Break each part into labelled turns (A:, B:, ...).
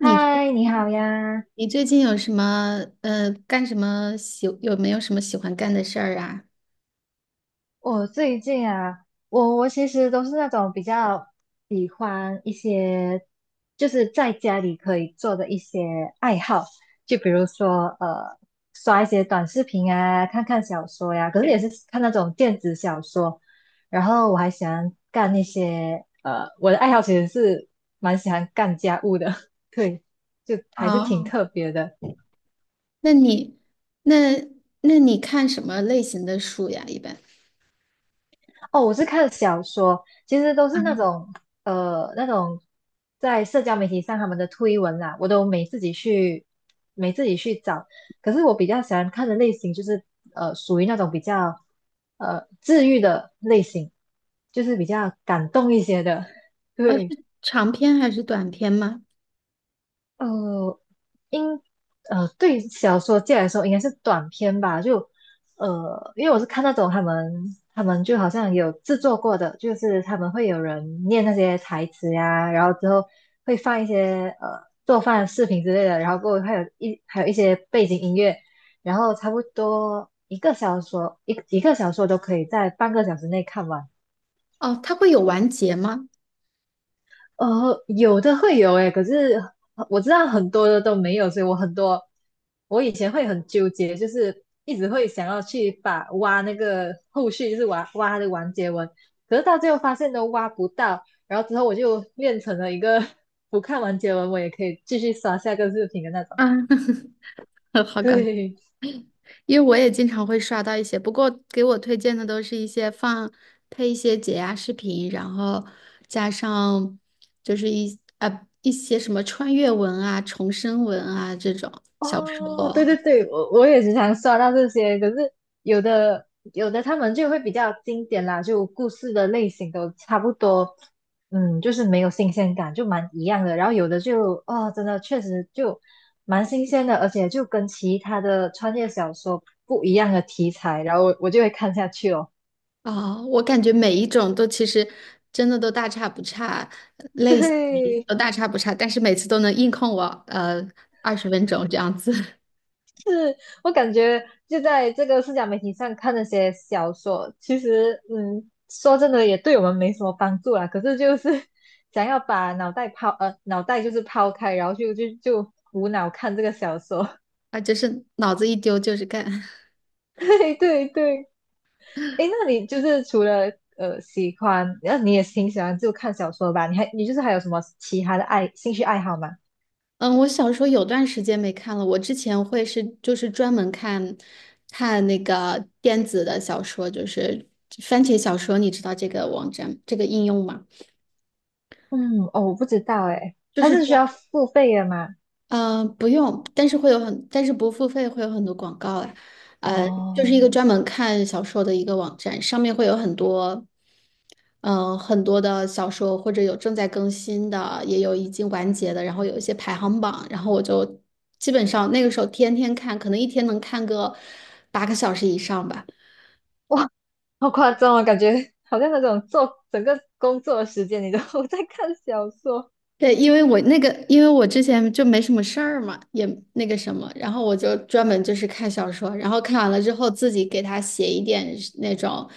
A: 你最
B: 嗨，你好呀！
A: 你最近有什么干什么喜有没有什么喜欢干的事儿啊？
B: 我最近啊，我其实都是那种比较喜欢一些，就是在家里可以做的一些爱好，就比如说刷一些短视频啊，看看小说呀，可是也是看那种电子小说。然后我还喜欢干一些呃，我的爱好其实是蛮喜欢干家务的，对，就还是挺
A: 哦，
B: 特别的。
A: 那你那那你看什么类型的书呀？一般。
B: 哦，我是看小说，其实都是
A: 啊
B: 那种在社交媒体上他们的推文啦，我都没自己去找。可是我比较喜欢看的类型就是属于那种比较治愈的类型，就是比较感动一些的。
A: 呃是
B: 对，
A: 长篇还是短篇吗？
B: 呃，应对小说界来说应该是短篇吧，因为我是看那种他们就好像有制作过的，就是他们会有人念那些台词呀，然后之后会放一些做饭的视频之类的，然后过后还有一些背景音乐，然后差不多一个小说都可以在半个小时内看完。
A: 哦，它会有完结吗？
B: 有的会有诶，可是我知道很多的都没有，所以我以前会很纠结，就是一直会想要去挖那个后续，就是挖它的完结文，可是到最后发现都挖不到，然后之后我就练成了一个 不看完结文我也可以继续刷下个视频的那种。
A: 啊，好搞
B: 对，
A: 因为我也经常会刷到一些，不过给我推荐的都是一些配一些解压视频，然后加上就是一些什么穿越文啊、重生文啊这种小说
B: 哦，对对对，我也时常刷到这些，可是有的有的他们就会比较经典啦，就故事的类型都差不多，嗯，就是没有新鲜感，就蛮一样的。然后有的就哦，真的确实就蛮新鲜的，而且就跟其他的穿越小说不一样的题材，然后我就会看下去哦。
A: 啊。我感觉每一种都其实,真的都大差不差，类型
B: 对，
A: 都大差不差，但是每次都能硬控我呃20分钟这样子。
B: 是我感觉就在这个社交媒体上看那些小说，其实说真的也对我们没什么帮助啦。可是就是 想要把脑袋就是抛开，然后就无脑看这个小说。
A: 啊，就是脑子一丢就是干。
B: 对对对，诶，那你就是除了喜欢，那你也挺喜欢就看小说吧？你还你就是还有什么其他的兴趣爱好吗？
A: 嗯，我小说有段时间没看了。我之前会是就是专门看，看那个电子的小说，就是番茄小说，你知道这个网站这个应用吗？
B: 嗯，哦，我不知道诶，
A: 就
B: 它
A: 是
B: 是需要付费的吗？
A: 嗯，不用，但是会有但是不付费会有很多广告啊。呃，就是一个
B: 哦，
A: 专门看小说的一个网站，上面会有很多。嗯，很多的小说或者有正在更新的，也有已经完结的，然后有一些排行榜，然后我就基本上那个时候天天看，可能一天能看个8个小时以上吧。
B: 哇，好夸张啊，感觉好像那种做整个工作的时间，你都 在看小说。
A: 对，因为我那个，因为我之前就没什么事儿嘛，也那个什么，然后我就专门就是看小说，然后看完了之后自己给他写一点那种，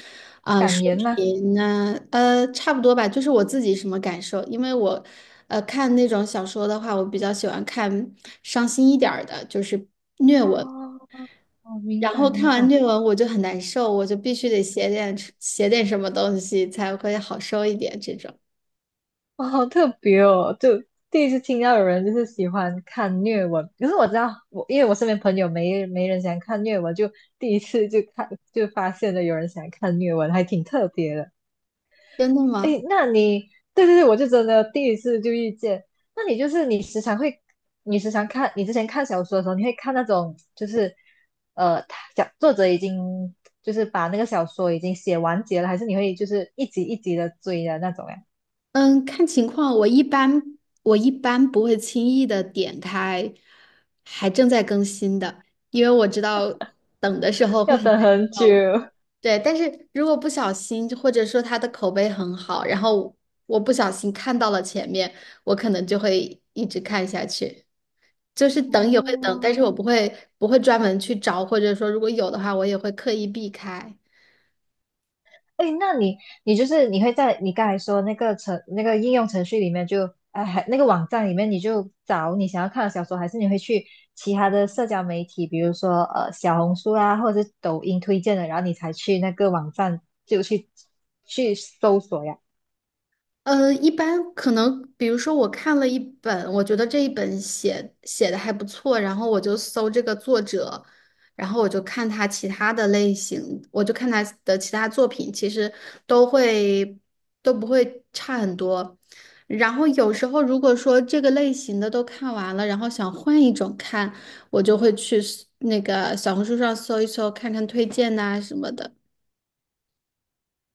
B: 感
A: 书
B: 言吗？
A: 评呢，呃，差不多吧，就是我自己什么感受。因为我，呃，看那种小说的话，我比较喜欢看伤心一点儿的，就是虐文。
B: 哦，我明
A: 然后
B: 白
A: 看
B: 明
A: 完
B: 白，
A: 虐文我就很难受，我就必须得写点什么东西才会好受一点，这种。
B: 哦，好特别哦，就第一次听到有人就是喜欢看虐文，可是我知道我因为我身边朋友没人喜欢看虐文，就第一次就发现了有人喜欢看虐文，还挺特别的。
A: 真的吗？
B: 诶，那你对对对，我就真的第一次就遇见。那你就是你时常会，你时常看，你之前看小说的时候，你会看那种就是，他讲作者已经就是把那个小说已经写完结了，还是你会就是一集一集的追的那种呀？
A: 嗯，看情况，我一般我一般不会轻易的点开还正在更新的，因为我知道等的时候会
B: 要
A: 很
B: 等
A: 难
B: 很久。
A: 受。对，但是如果不小心，或者说它的口碑很好，然后我不小心看到了前面，我可能就会一直看下去。就是等也会等，但
B: 哦，
A: 是我不会专门去找，或者说如果有的话，我也会刻意避开。
B: 哎，那你你就是你会在你刚才说那个程那个应用程序里面就哎还那个网站里面你就找你想要看的小说，还是你会去其他的社交媒体，比如说小红书啊，或者是抖音推荐的，然后你才去那个网站就去搜索呀？
A: 呃，一般可能，比如说我看了一本，我觉得这一本写的还不错，然后我就搜这个作者，然后我就看他其他的类型，我就看他的其他作品，其实都会都不会差很多。然后有时候如果说这个类型的都看完了，然后想换一种看，我就会去搜那个小红书上搜一搜，看看推荐呐、什么的。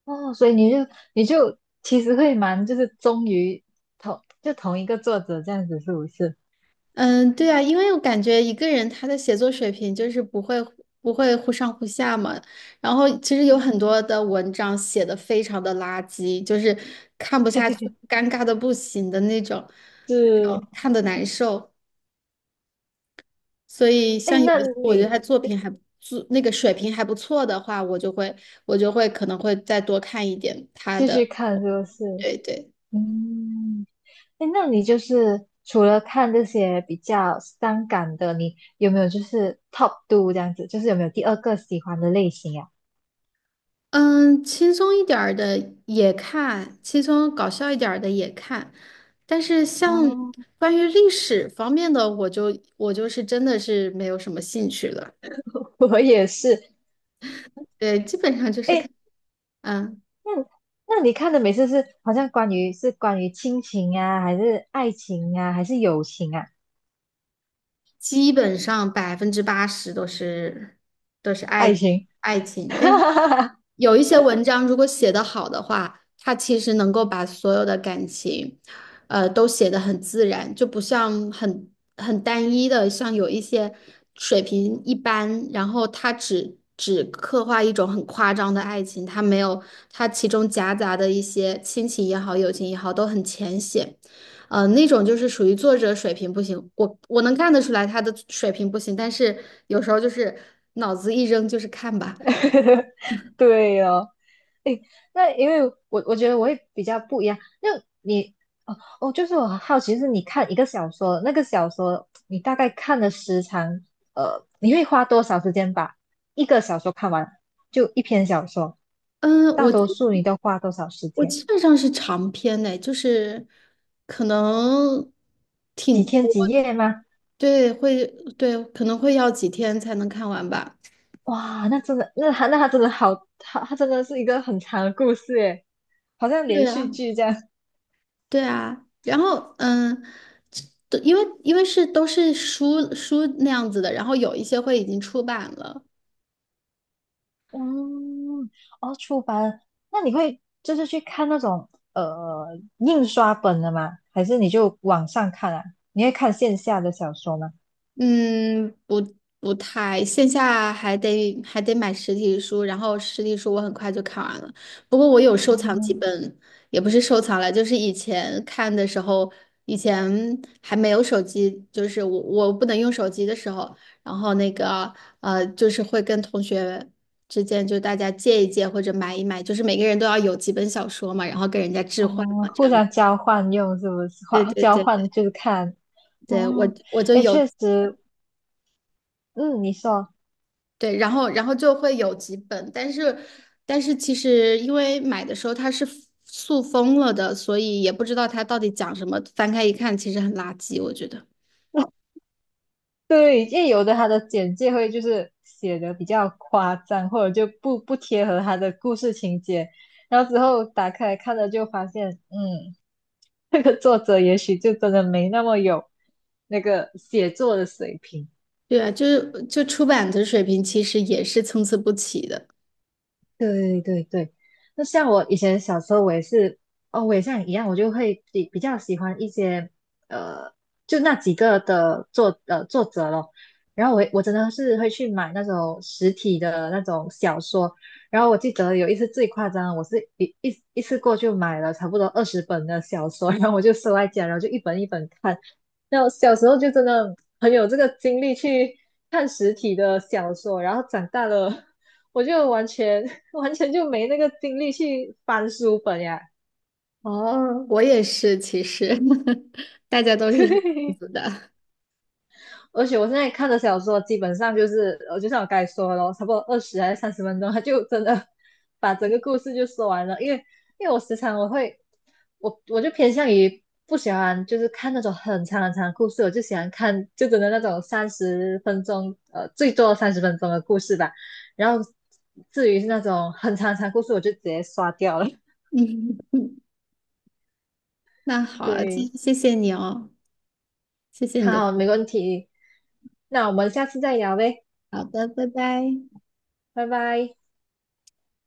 B: 哦，所以你就其实会蛮就是忠于同一个作者这样子，是不是？
A: 嗯，对啊，因为我感觉一个人他的写作水平就是不会忽上忽下嘛。然后其实有很多的文章写的非常的垃圾，就是看不下去，尴尬的不行的那种，那
B: 是，
A: 种看的难受。所以
B: 哎，
A: 像有
B: 那
A: 一些我觉得
B: 你
A: 他作品还不错，那个水平还不错的话，我就会可能会再多看一点他
B: 继续
A: 的。
B: 看是不是？
A: 对对。
B: 嗯。哎，那你就是除了看这些比较伤感的，你有没有就是 top two 这样子？就是有没有第二个喜欢的类型呀、
A: 嗯，轻松一点儿的也看，轻松搞笑一点儿的也看，但是像
B: 哦，
A: 关于历史方面的，我就是真的是没有什么兴趣了。
B: 我也是。
A: 对，基本上就是
B: 哎，
A: 看，嗯。
B: 那那你看的每次是好像关于亲情啊，还是爱情啊，还是友情啊？
A: 基本上80%都是都是
B: 爱
A: 爱
B: 情，
A: 爱情。但是有一些文章如果写得好的话，它其实能够把所有的感情，呃，都写得很自然，就不像很单一的，像有一些水平一般，然后它只刻画一种很夸张的爱情，它没有它其中夹杂的一些亲情也好，友情也好，都很浅显。呃，那种就是属于作者水平不行，我能看得出来他的水平不行，但是有时候就是脑子一扔就是看吧。
B: 对哦。诶那因为我觉得我会比较不一样。你哦哦，就是我很好奇，就是你看一个小说，那个小说你大概看的时长，你会花多少时间把一个小说看完？就一篇小说，
A: 嗯，
B: 大多数你都花多少时
A: 我
B: 间？
A: 基本上是长篇的，就是可能
B: 几
A: 挺，
B: 天几夜吗？
A: 对，会，对，可能会要几天才能看完吧。
B: 哇，那真的，那他真的好，他真的是一个很长的故事诶，好像
A: 对
B: 连
A: 啊，
B: 续剧这样。
A: 对啊，然后嗯，这都因为是都是书那样子的，然后有一些会已经出版了。
B: 嗯，哦，出版，那你会就是去看那种呃印刷本的吗？还是你就网上看啊？你会看线下的小说吗？
A: 嗯，不太，线下还得买实体书，然后实体书我很快就看完了。不过我有收藏几本，也不是收藏了，就是以前看的时候，以前还没有手机，就是我不能用手机的时候，然后那个呃，就是会跟同学之间就大家借一借或者买一买，就是每个人都要有几本小说嘛，然后跟人家置换嘛，
B: 哦，
A: 这
B: 互
A: 样。
B: 相交换用是不是？
A: 对对
B: 交
A: 对
B: 换
A: 对，
B: 就是看哦，
A: 对，我就
B: 哎，
A: 有。
B: 确实，嗯，你说
A: 对，然后就会有几本，但是但是其实因为买的时候它是塑封了的，所以也不知道它到底讲什么。翻开一看，其实很垃圾，我觉得。
B: 对，因为有的他的简介会就是写的比较夸张，或者就不贴合他的故事情节，然后之后打开来看了就发现，嗯。那个作者也许就真的没那么有那个写作的水平。
A: 对啊，就是出版的水平其实也是参差不齐的。
B: 对对对，那像我以前小时候，我也是，哦，我也像你一样，我就会比较喜欢一些，呃，就那几个的作者咯。然后我真的是会去买那种实体的那种小说。然后我记得有一次最夸张，我是一次过就买了差不多20本的小说，然后我就收在家，然后就一本一本看。那我小时候就真的很有这个精力去看实体的小说，然后长大了 我就完全 完全就没那个精力去翻书本呀。
A: 哦，我也是，其实 大家 都是这样
B: 对，
A: 子的。
B: 而且我现在看的小说基本上就是，就像我刚才说的咯，差不多20还是30分钟，他就真的把整个故事就说完了。因为我时常我会，我就偏向于不喜欢就是看那种很长很长的故事，我就喜欢看就真的那种三十分钟，最多三十分钟的故事吧。然后至于是那种很长很长的故事，我就直接刷掉了。
A: 嗯，那好啊，
B: 对。
A: 谢谢你哦，谢谢你的。
B: 好，没问题。那我们下次再聊呗，
A: 好的，拜拜。
B: 拜拜。